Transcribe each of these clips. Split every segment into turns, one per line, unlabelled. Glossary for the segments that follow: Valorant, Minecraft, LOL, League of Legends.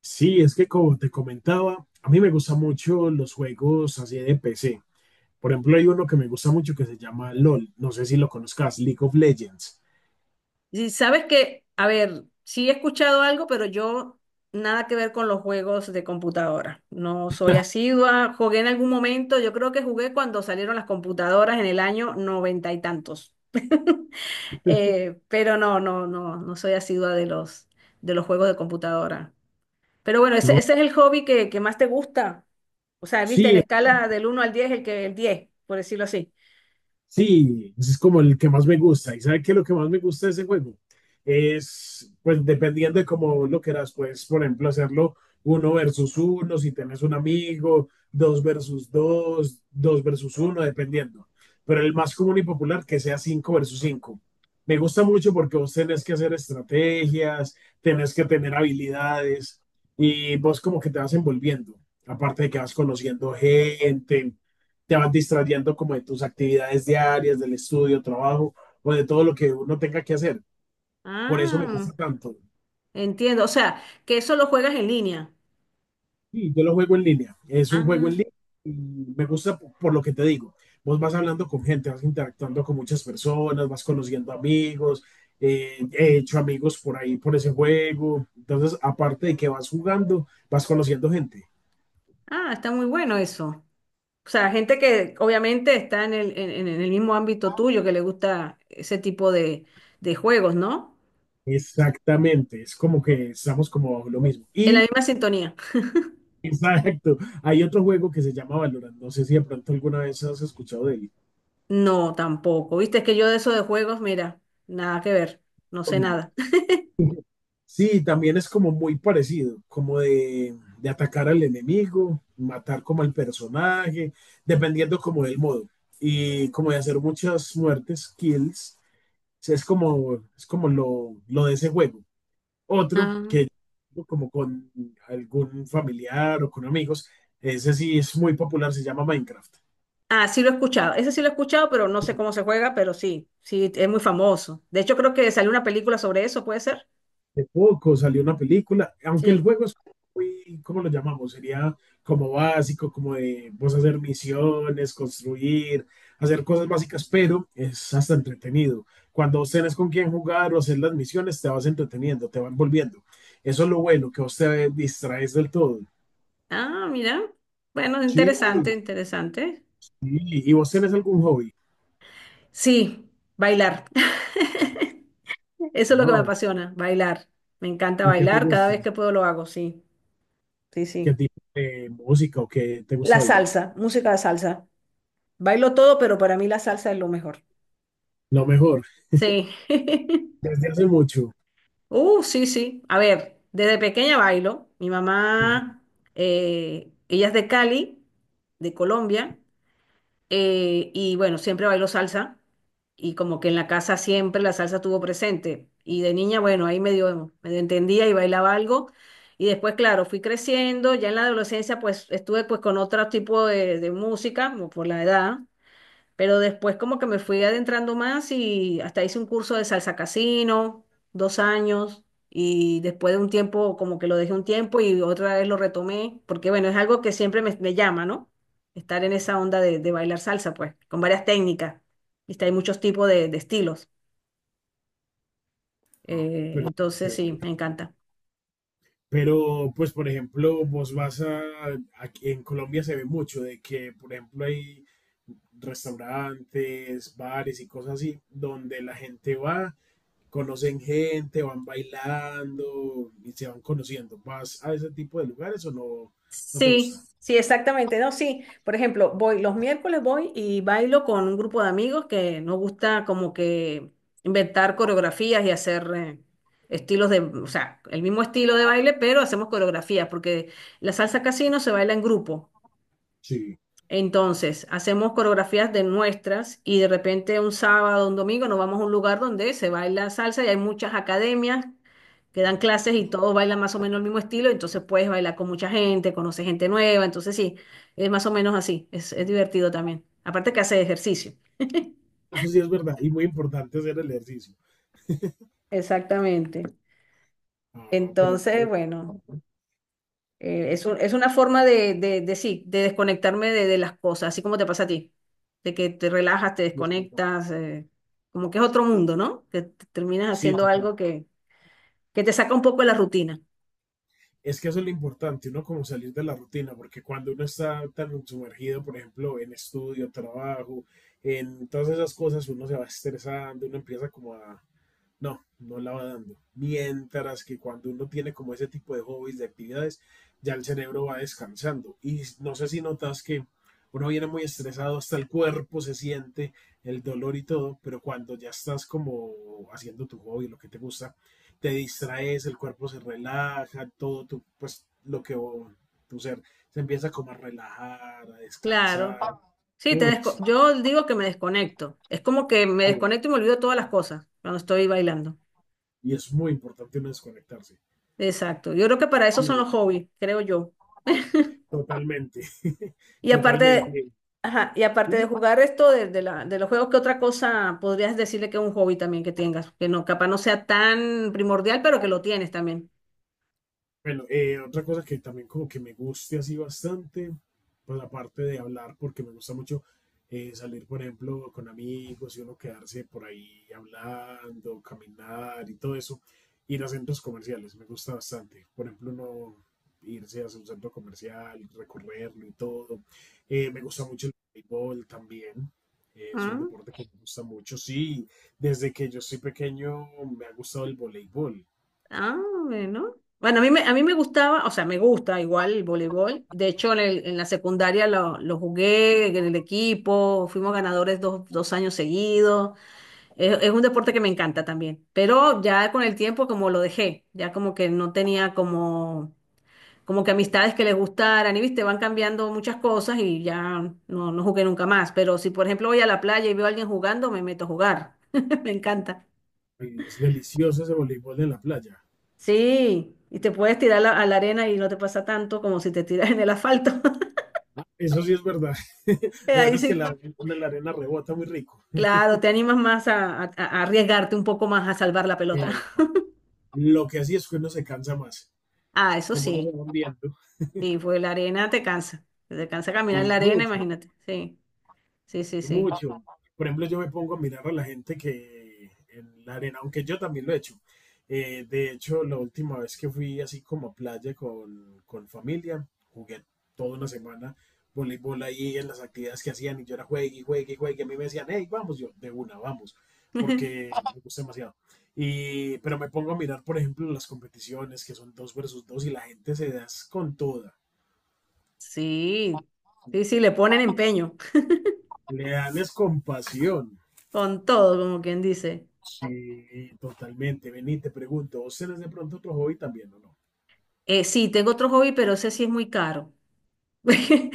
Sí, es que como te comentaba, a mí me gustan mucho los juegos así de PC. Por ejemplo, hay uno que me gusta mucho que se llama LOL. No sé si lo conozcas, League of Legends.
Y sabes que, a ver, sí he escuchado algo, pero yo nada que ver con los juegos de computadora. No soy asidua, jugué en algún momento, yo creo que jugué cuando salieron las computadoras en el año noventa y tantos. Pero no, no, no, no soy asidua de los juegos de computadora. Pero bueno, ese,
¿No?
ese es el hobby que más te gusta. O sea, viste, en
Sí.
escala del uno al 10 el que el 10 por decirlo así.
Sí, ese es como el que más me gusta. ¿Y sabe qué es lo que más me gusta de ese juego? Es, pues dependiendo de cómo vos lo quieras, puedes, por ejemplo, hacerlo uno versus uno, si tenés un amigo, dos versus dos, dos versus uno, dependiendo. Pero el más común y popular que sea cinco versus cinco. Me gusta mucho porque vos tenés que hacer estrategias, tenés que tener habilidades y vos como que te vas envolviendo. Aparte de que vas conociendo gente, te vas distrayendo como de tus actividades diarias, del estudio, trabajo o de todo lo que uno tenga que hacer. Por eso me
Ah,
gusta tanto.
entiendo. O sea, que eso lo juegas en línea.
Sí, yo lo juego en línea. Es un juego en
Ah.
línea y me gusta por lo que te digo. Vos vas hablando con gente, vas interactuando con muchas personas, vas conociendo amigos. He hecho amigos por ahí, por ese juego. Entonces, aparte de que vas jugando, vas conociendo gente.
Ah, está muy bueno eso. O sea, gente que obviamente está en el mismo ámbito tuyo, que le gusta ese tipo de juegos, ¿no?
Exactamente, es como que estamos como lo mismo.
En la
Y
misma sintonía.
exacto. Hay otro juego que se llama Valorant. No sé si de pronto alguna vez has escuchado de él.
No, tampoco. Viste, es que yo de eso de juegos, mira, nada que ver. No sé nada.
Sí, también es como muy parecido, como de atacar al enemigo, matar como al personaje, dependiendo como del modo. Y como de hacer muchas muertes, kills. O sea, es como lo de ese juego. Otro
Ah,
que como con algún familiar o con amigos, ese sí es muy popular, se llama Minecraft.
ah, sí lo he escuchado. Ese sí lo he escuchado, pero no sé cómo se juega, pero sí, sí, es muy famoso. De hecho, creo que salió una película sobre eso, ¿puede ser?
De poco salió una película, aunque el
Sí.
juego es muy, ¿cómo lo llamamos? Sería como básico, como de vos hacer misiones, construir, hacer cosas básicas, pero es hasta entretenido. Cuando vos tenés con quién jugar o hacer las misiones, te vas entreteniendo, te van envolviendo. Eso es lo bueno, que vos te distraes del todo.
Ah, mira. Bueno,
Sí,
interesante,
sí.
interesante.
¿Y vos tenés algún hobby?
Sí, bailar. Eso es lo que me
Ah,
apasiona, bailar. Me encanta
¿y qué te
bailar, cada
gusta?
vez que puedo lo hago, sí, sí,
¿Qué
sí.
tipo de música o qué te
La
gusta bailar?
salsa, música de salsa. Bailo todo, pero para mí la salsa es lo mejor.
Lo mejor,
Sí.
desde hace mucho.
Sí, sí. A ver, desde pequeña bailo. Mi
Ujú.
mamá, ella es de Cali, de Colombia. Y bueno, siempre bailo salsa y como que en la casa siempre la salsa estuvo presente. Y de niña, bueno, ahí medio, medio entendía y bailaba algo. Y después, claro, fui creciendo, ya en la adolescencia pues estuve pues con otro tipo de música, como por la edad. Pero después como que me fui adentrando más y hasta hice un curso de salsa casino, 2 años, y después de un tiempo como que lo dejé un tiempo y otra vez lo retomé, porque bueno, es algo que siempre me llama, ¿no? Estar en esa onda de bailar salsa, pues, con varias técnicas. Y hay muchos tipos de estilos.
Ah, pero
Entonces sí, me encanta.
Pero, pues, por ejemplo, vos vas a, aquí en Colombia se ve mucho de que, por ejemplo, hay restaurantes, bares y cosas así, donde la gente va, conocen gente, van bailando y se van conociendo. ¿Vas a ese tipo de lugares o no, no te gusta?
Sí, sí, exactamente. No, sí. Por ejemplo, voy los miércoles voy y bailo con un grupo de amigos que nos gusta como que inventar coreografías y hacer estilos de, o sea, el mismo estilo de baile, pero hacemos coreografías porque la salsa casino se baila en grupo.
Sí.
Entonces, hacemos coreografías de nuestras y de repente un sábado, un domingo, nos vamos a un lugar donde se baila salsa y hay muchas academias que dan clases y todos bailan más o menos el mismo estilo, entonces puedes bailar con mucha gente, conoces gente nueva, entonces sí, es más o menos así, es divertido también. Aparte que hace ejercicio.
Eso sí es verdad, y muy importante hacer el ejercicio.
Exactamente.
Ah, pero
Entonces,
no.
bueno. Es una forma de desconectarme de las cosas, así como te pasa a ti, de que te relajas, te
Sí, es
desconectas, como que es otro mundo, ¿no? Que te terminas
sí,
haciendo algo que te saca un poco de la rutina.
es que eso es lo importante, uno como salir de la rutina, porque cuando uno está tan sumergido, por ejemplo, en estudio, trabajo, en todas esas cosas, uno se va estresando, uno empieza como a, no, no la va dando. Mientras que cuando uno tiene como ese tipo de hobbies, de actividades, ya el cerebro va descansando. Y no sé si notas que uno viene muy estresado, hasta el cuerpo se siente el dolor y todo, pero cuando ya estás como haciendo tu hobby, lo que te gusta, te distraes, el cuerpo se relaja, todo tu, pues lo que tu ser se empieza como a relajar, a descansar.
Claro.
Uy, sí,
Yo digo que me desconecto. Es como que me
sí.
desconecto y me olvido todas las cosas cuando estoy bailando.
Y es muy importante uno desconectarse.
Exacto. Yo creo que para eso son los
Sí,
hobbies, creo yo.
totalmente.
Y aparte,
Totalmente.
ajá, y aparte de
¿Sí?
jugar esto de los juegos, ¿qué otra cosa podrías decirle que es un hobby también que tengas? Que no, capaz no sea tan primordial, pero que lo tienes también.
Bueno, otra cosa que también como que me guste así bastante, pues aparte de hablar, porque me gusta mucho salir, por ejemplo, con amigos y uno quedarse por ahí hablando, caminar y todo eso, ir a centros comerciales, me gusta bastante. Por ejemplo, uno irse a un centro comercial, recorrerlo y todo. Me gusta mucho el béisbol también. Es un
Ah,
deporte que me gusta mucho. Sí, desde que yo soy pequeño me ha gustado el voleibol.
ah, bueno. Bueno, a mí me gustaba, o sea, me gusta igual el voleibol. De hecho, en la secundaria lo jugué en el equipo, fuimos ganadores dos años seguidos. Es un deporte que me encanta también. Pero ya con el tiempo como lo dejé, ya como que no tenía como como que amistades que les gustaran y viste, van cambiando muchas cosas y ya no, no jugué nunca más. Pero si por ejemplo voy a la playa y veo a alguien jugando, me meto a jugar. Me encanta.
Y es delicioso ese voleibol en la playa.
Sí, y te puedes tirar a la arena y no te pasa tanto como si te tiras en el asfalto.
Eso sí es verdad. Lo bueno
Ahí
es que la,
sí,
la arena rebota muy rico.
claro, te animas más a arriesgarte un poco más a salvar la pelota.
Eh, lo que así es que uno se cansa más,
Ah, eso
como uno se
sí,
va viendo,
sí, pues la arena te cansa. Te cansa caminar en
y
la arena,
mucho.
imagínate. Sí, sí, sí, sí.
Mucho. Por ejemplo, yo me pongo a mirar a la gente que en la arena, aunque yo también lo he hecho. De hecho, la última vez que fui así como a playa con familia, jugué toda una semana voleibol ahí en las actividades que hacían y yo era juegue y juegue y juegue. A mí me decían, hey, vamos, yo de una, vamos, porque me gusta demasiado. Y, pero me pongo a mirar, por ejemplo, las competiciones que son dos versus dos y la gente se da es con toda.
Sí, sí, sí, le ponen
Y
empeño.
le dan es compasión.
Con todo, como quien dice.
Sí, totalmente. Vení, te pregunto, ¿vos tenés de pronto otro hobby también o no?
Sí, tengo otro hobby, pero ese sí es muy caro.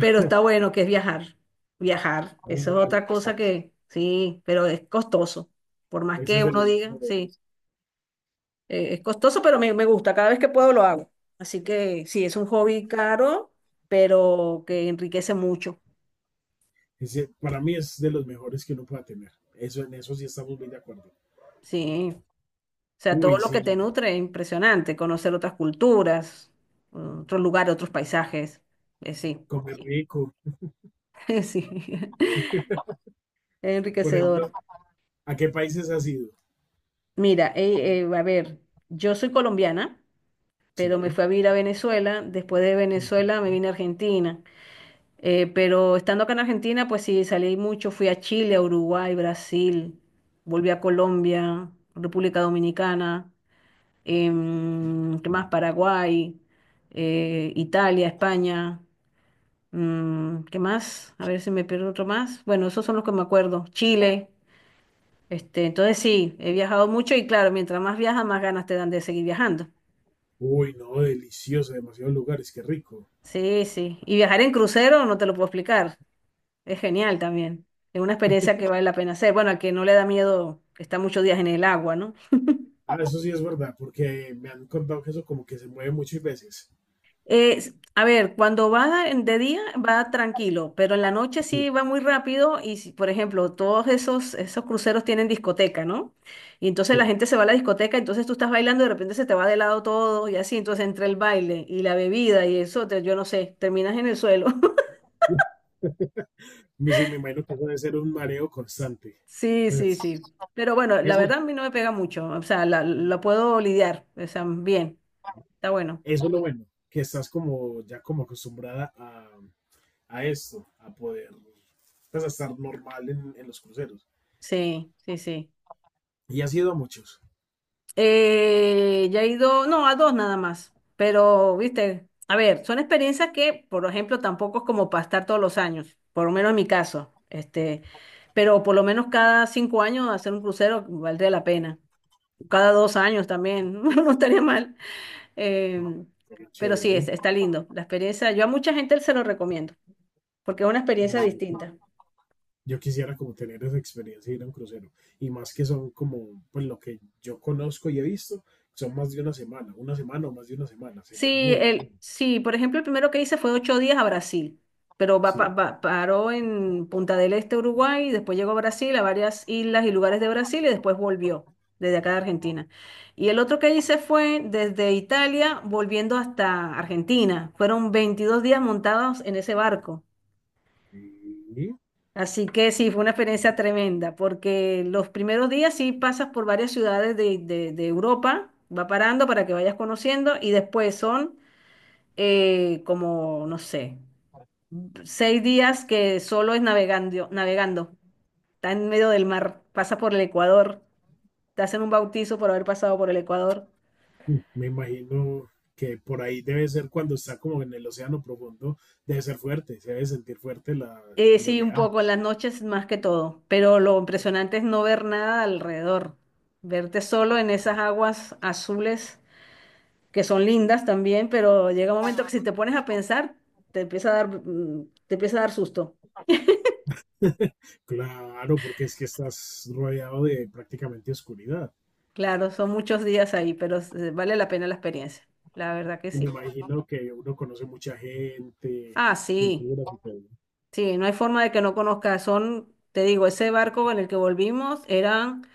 Pero está bueno, que es viajar. Viajar.
Ah,
Eso
no.
es otra cosa que, sí, pero es costoso. Por más
Ese es
que
de
uno
los
diga, sí,
mejores.
es costoso, pero me gusta. Cada vez que puedo lo hago. Así que sí, es un hobby caro, pero que enriquece mucho.
Ese, para mí es de los mejores que uno pueda tener. Eso, en eso sí estamos muy de acuerdo.
Sí. O sea, todo
Uy,
lo que te
sí,
nutre es impresionante. Conocer otras culturas, otros lugares, otros paisajes. Sí,
comer rico.
sí.
Por ejemplo,
Enriquecedor.
¿a qué países has ido?
Mira, a ver, yo soy colombiana, pero me
Sí.
fui a vivir a Venezuela. Después de Venezuela me vine a Argentina. Pero estando acá en Argentina, pues sí, salí mucho. Fui a Chile, a Uruguay, Brasil. Volví a Colombia, República Dominicana. ¿Qué más? Paraguay, Italia, España. ¿Qué más? A ver si me pierdo otro más. Bueno, esos son los que me acuerdo. Chile. Este, entonces sí, he viajado mucho y claro, mientras más viajas, más ganas te dan de seguir viajando.
Uy, no, delicioso, demasiados lugares, qué rico.
Sí, sí. Y viajar en crucero no te lo puedo explicar. Es genial también. Es una experiencia que vale la pena hacer. Bueno, al que no le da miedo estar muchos días en el agua, ¿no?
Ah, eso sí es verdad, porque me han contado que eso como que se mueve muchas veces.
A ver, cuando de día va tranquilo, pero en la noche sí
Sí,
va muy rápido y, por ejemplo, esos cruceros tienen discoteca, ¿no? Y entonces la
sí.
gente se va a la discoteca, entonces tú estás bailando y de repente se te va de lado todo y así, entonces entre el baile y la bebida y eso, yo no sé, terminas en el suelo.
Sí, me imagino que eso debe ser un mareo constante.
Sí, sí,
Pues
sí. Pero bueno, la
eso
verdad a mí no me pega mucho, o sea, la puedo lidiar, o sea, bien, está bueno.
Eso es lo bueno, que estás como ya como acostumbrada a esto, a poder pues, a estar normal en los cruceros.
Sí, sí, sí.
Y ha sido a muchos.
Ya he ido, no, a dos nada más, pero, viste, a ver, son experiencias que, por ejemplo, tampoco es como para estar todos los años, por lo menos en mi caso, este, pero por lo menos cada 5 años hacer un crucero valdría la pena, cada 2 años también, no estaría mal,
Ah,
eh,
pero
pero sí,
chévere. ¿Eh?
está lindo la experiencia, yo a mucha gente se lo recomiendo, porque es una experiencia
Bueno,
distinta.
yo quisiera como tener esa experiencia de ir a un crucero. Y más que son como, pues lo que yo conozco y he visto, son más de una semana o más de una semana. Sería
Sí,
muy genial.
el, sí, por ejemplo, el primero que hice fue 8 días a Brasil, pero
Sí.
paró en Punta del Este, Uruguay, y después llegó a Brasil, a varias islas y lugares de Brasil, y después volvió desde acá de Argentina. Y el otro que hice fue desde Italia, volviendo hasta Argentina. Fueron 22 días montados en ese barco.
Y
Así que sí, fue una experiencia tremenda, porque los primeros días sí pasas por varias ciudades de Europa, va parando para que vayas conociendo, y después son como, no sé, 6 días que solo es navegando, navegando. Está en medio del mar, pasa por el Ecuador, te hacen un bautizo por haber pasado por el Ecuador.
mm, me imagino que por ahí debe ser cuando está como en el océano profundo, debe ser fuerte, se debe sentir fuerte la, el ah,
Sí, un
oleaje.
poco en las noches más que todo, pero lo impresionante es no ver nada alrededor, verte solo en esas aguas azules que son lindas también, pero llega un momento que si te pones a pensar, te empieza a dar, te empieza a dar susto.
Claro, porque es que estás rodeado de prácticamente oscuridad.
Claro, son muchos días ahí, pero vale la pena la experiencia, la verdad que
Y me
sí.
imagino que uno conoce mucha gente,
Ah, sí,
culturas y todo.
sí, no hay forma de que no conozca. Son, te digo, ese barco en el que volvimos eran,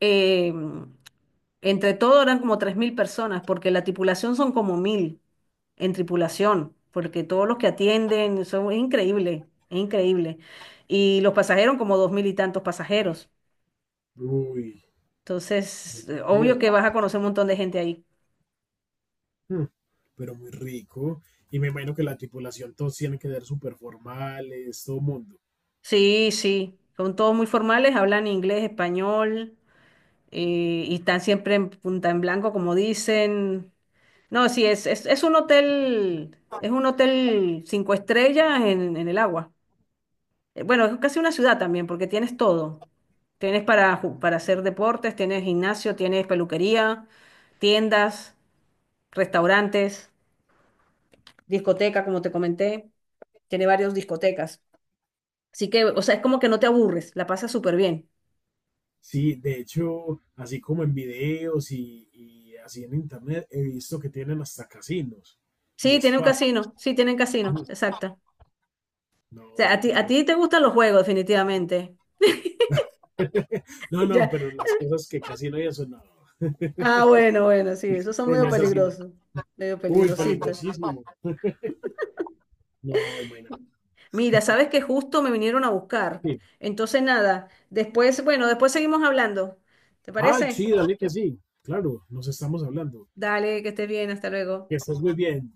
eh, entre todo eran como 3.000 personas, porque la tripulación son como 1.000 en tripulación, porque todos los que atienden, son, es increíble, es increíble. Y los pasajeros como 2.000 y tantos pasajeros.
Uy,
Entonces, obvio
Dios.
que vas a conocer un montón de gente ahí.
Mm, pero muy rico. Y me imagino que la tripulación, todos tienen que ser súper formales, todo
Sí, sí, son todos muy formales, hablan inglés, español, y están siempre en punta en blanco, como dicen. No, sí, es un hotel, 5 estrellas en el agua. Bueno, es casi una ciudad también, porque tienes todo. Tienes para, para hacer deportes, tienes gimnasio, tienes peluquería, tiendas, restaurantes, discoteca, como te comenté. Tiene varias discotecas. Así que, o sea, es como que no te aburres, la pasas súper bien.
sí, de hecho, así como en videos y así en internet, he visto que tienen hasta casinos y
Sí, tiene un
spa.
casino, sí, tiene un casino, exacto. O
No,
sea, a ti, a
entonces,
ti te gustan los juegos, definitivamente.
no, no, pero las cosas que casi no hay eso, no,
Ah, bueno, bueno, sí, esos son
en
medio
esas sí no.
peligrosos, medio
Uy,
peligrositos.
peligrosísimo. No, imagínate.
Mira, sabes que justo me vinieron a buscar.
Sí.
Entonces, nada, después, bueno, después seguimos hablando. ¿Te
Ah, sí,
parece?
dale que sí. Claro, nos estamos hablando.
Dale, que estés bien, hasta luego.
Que estés muy bien.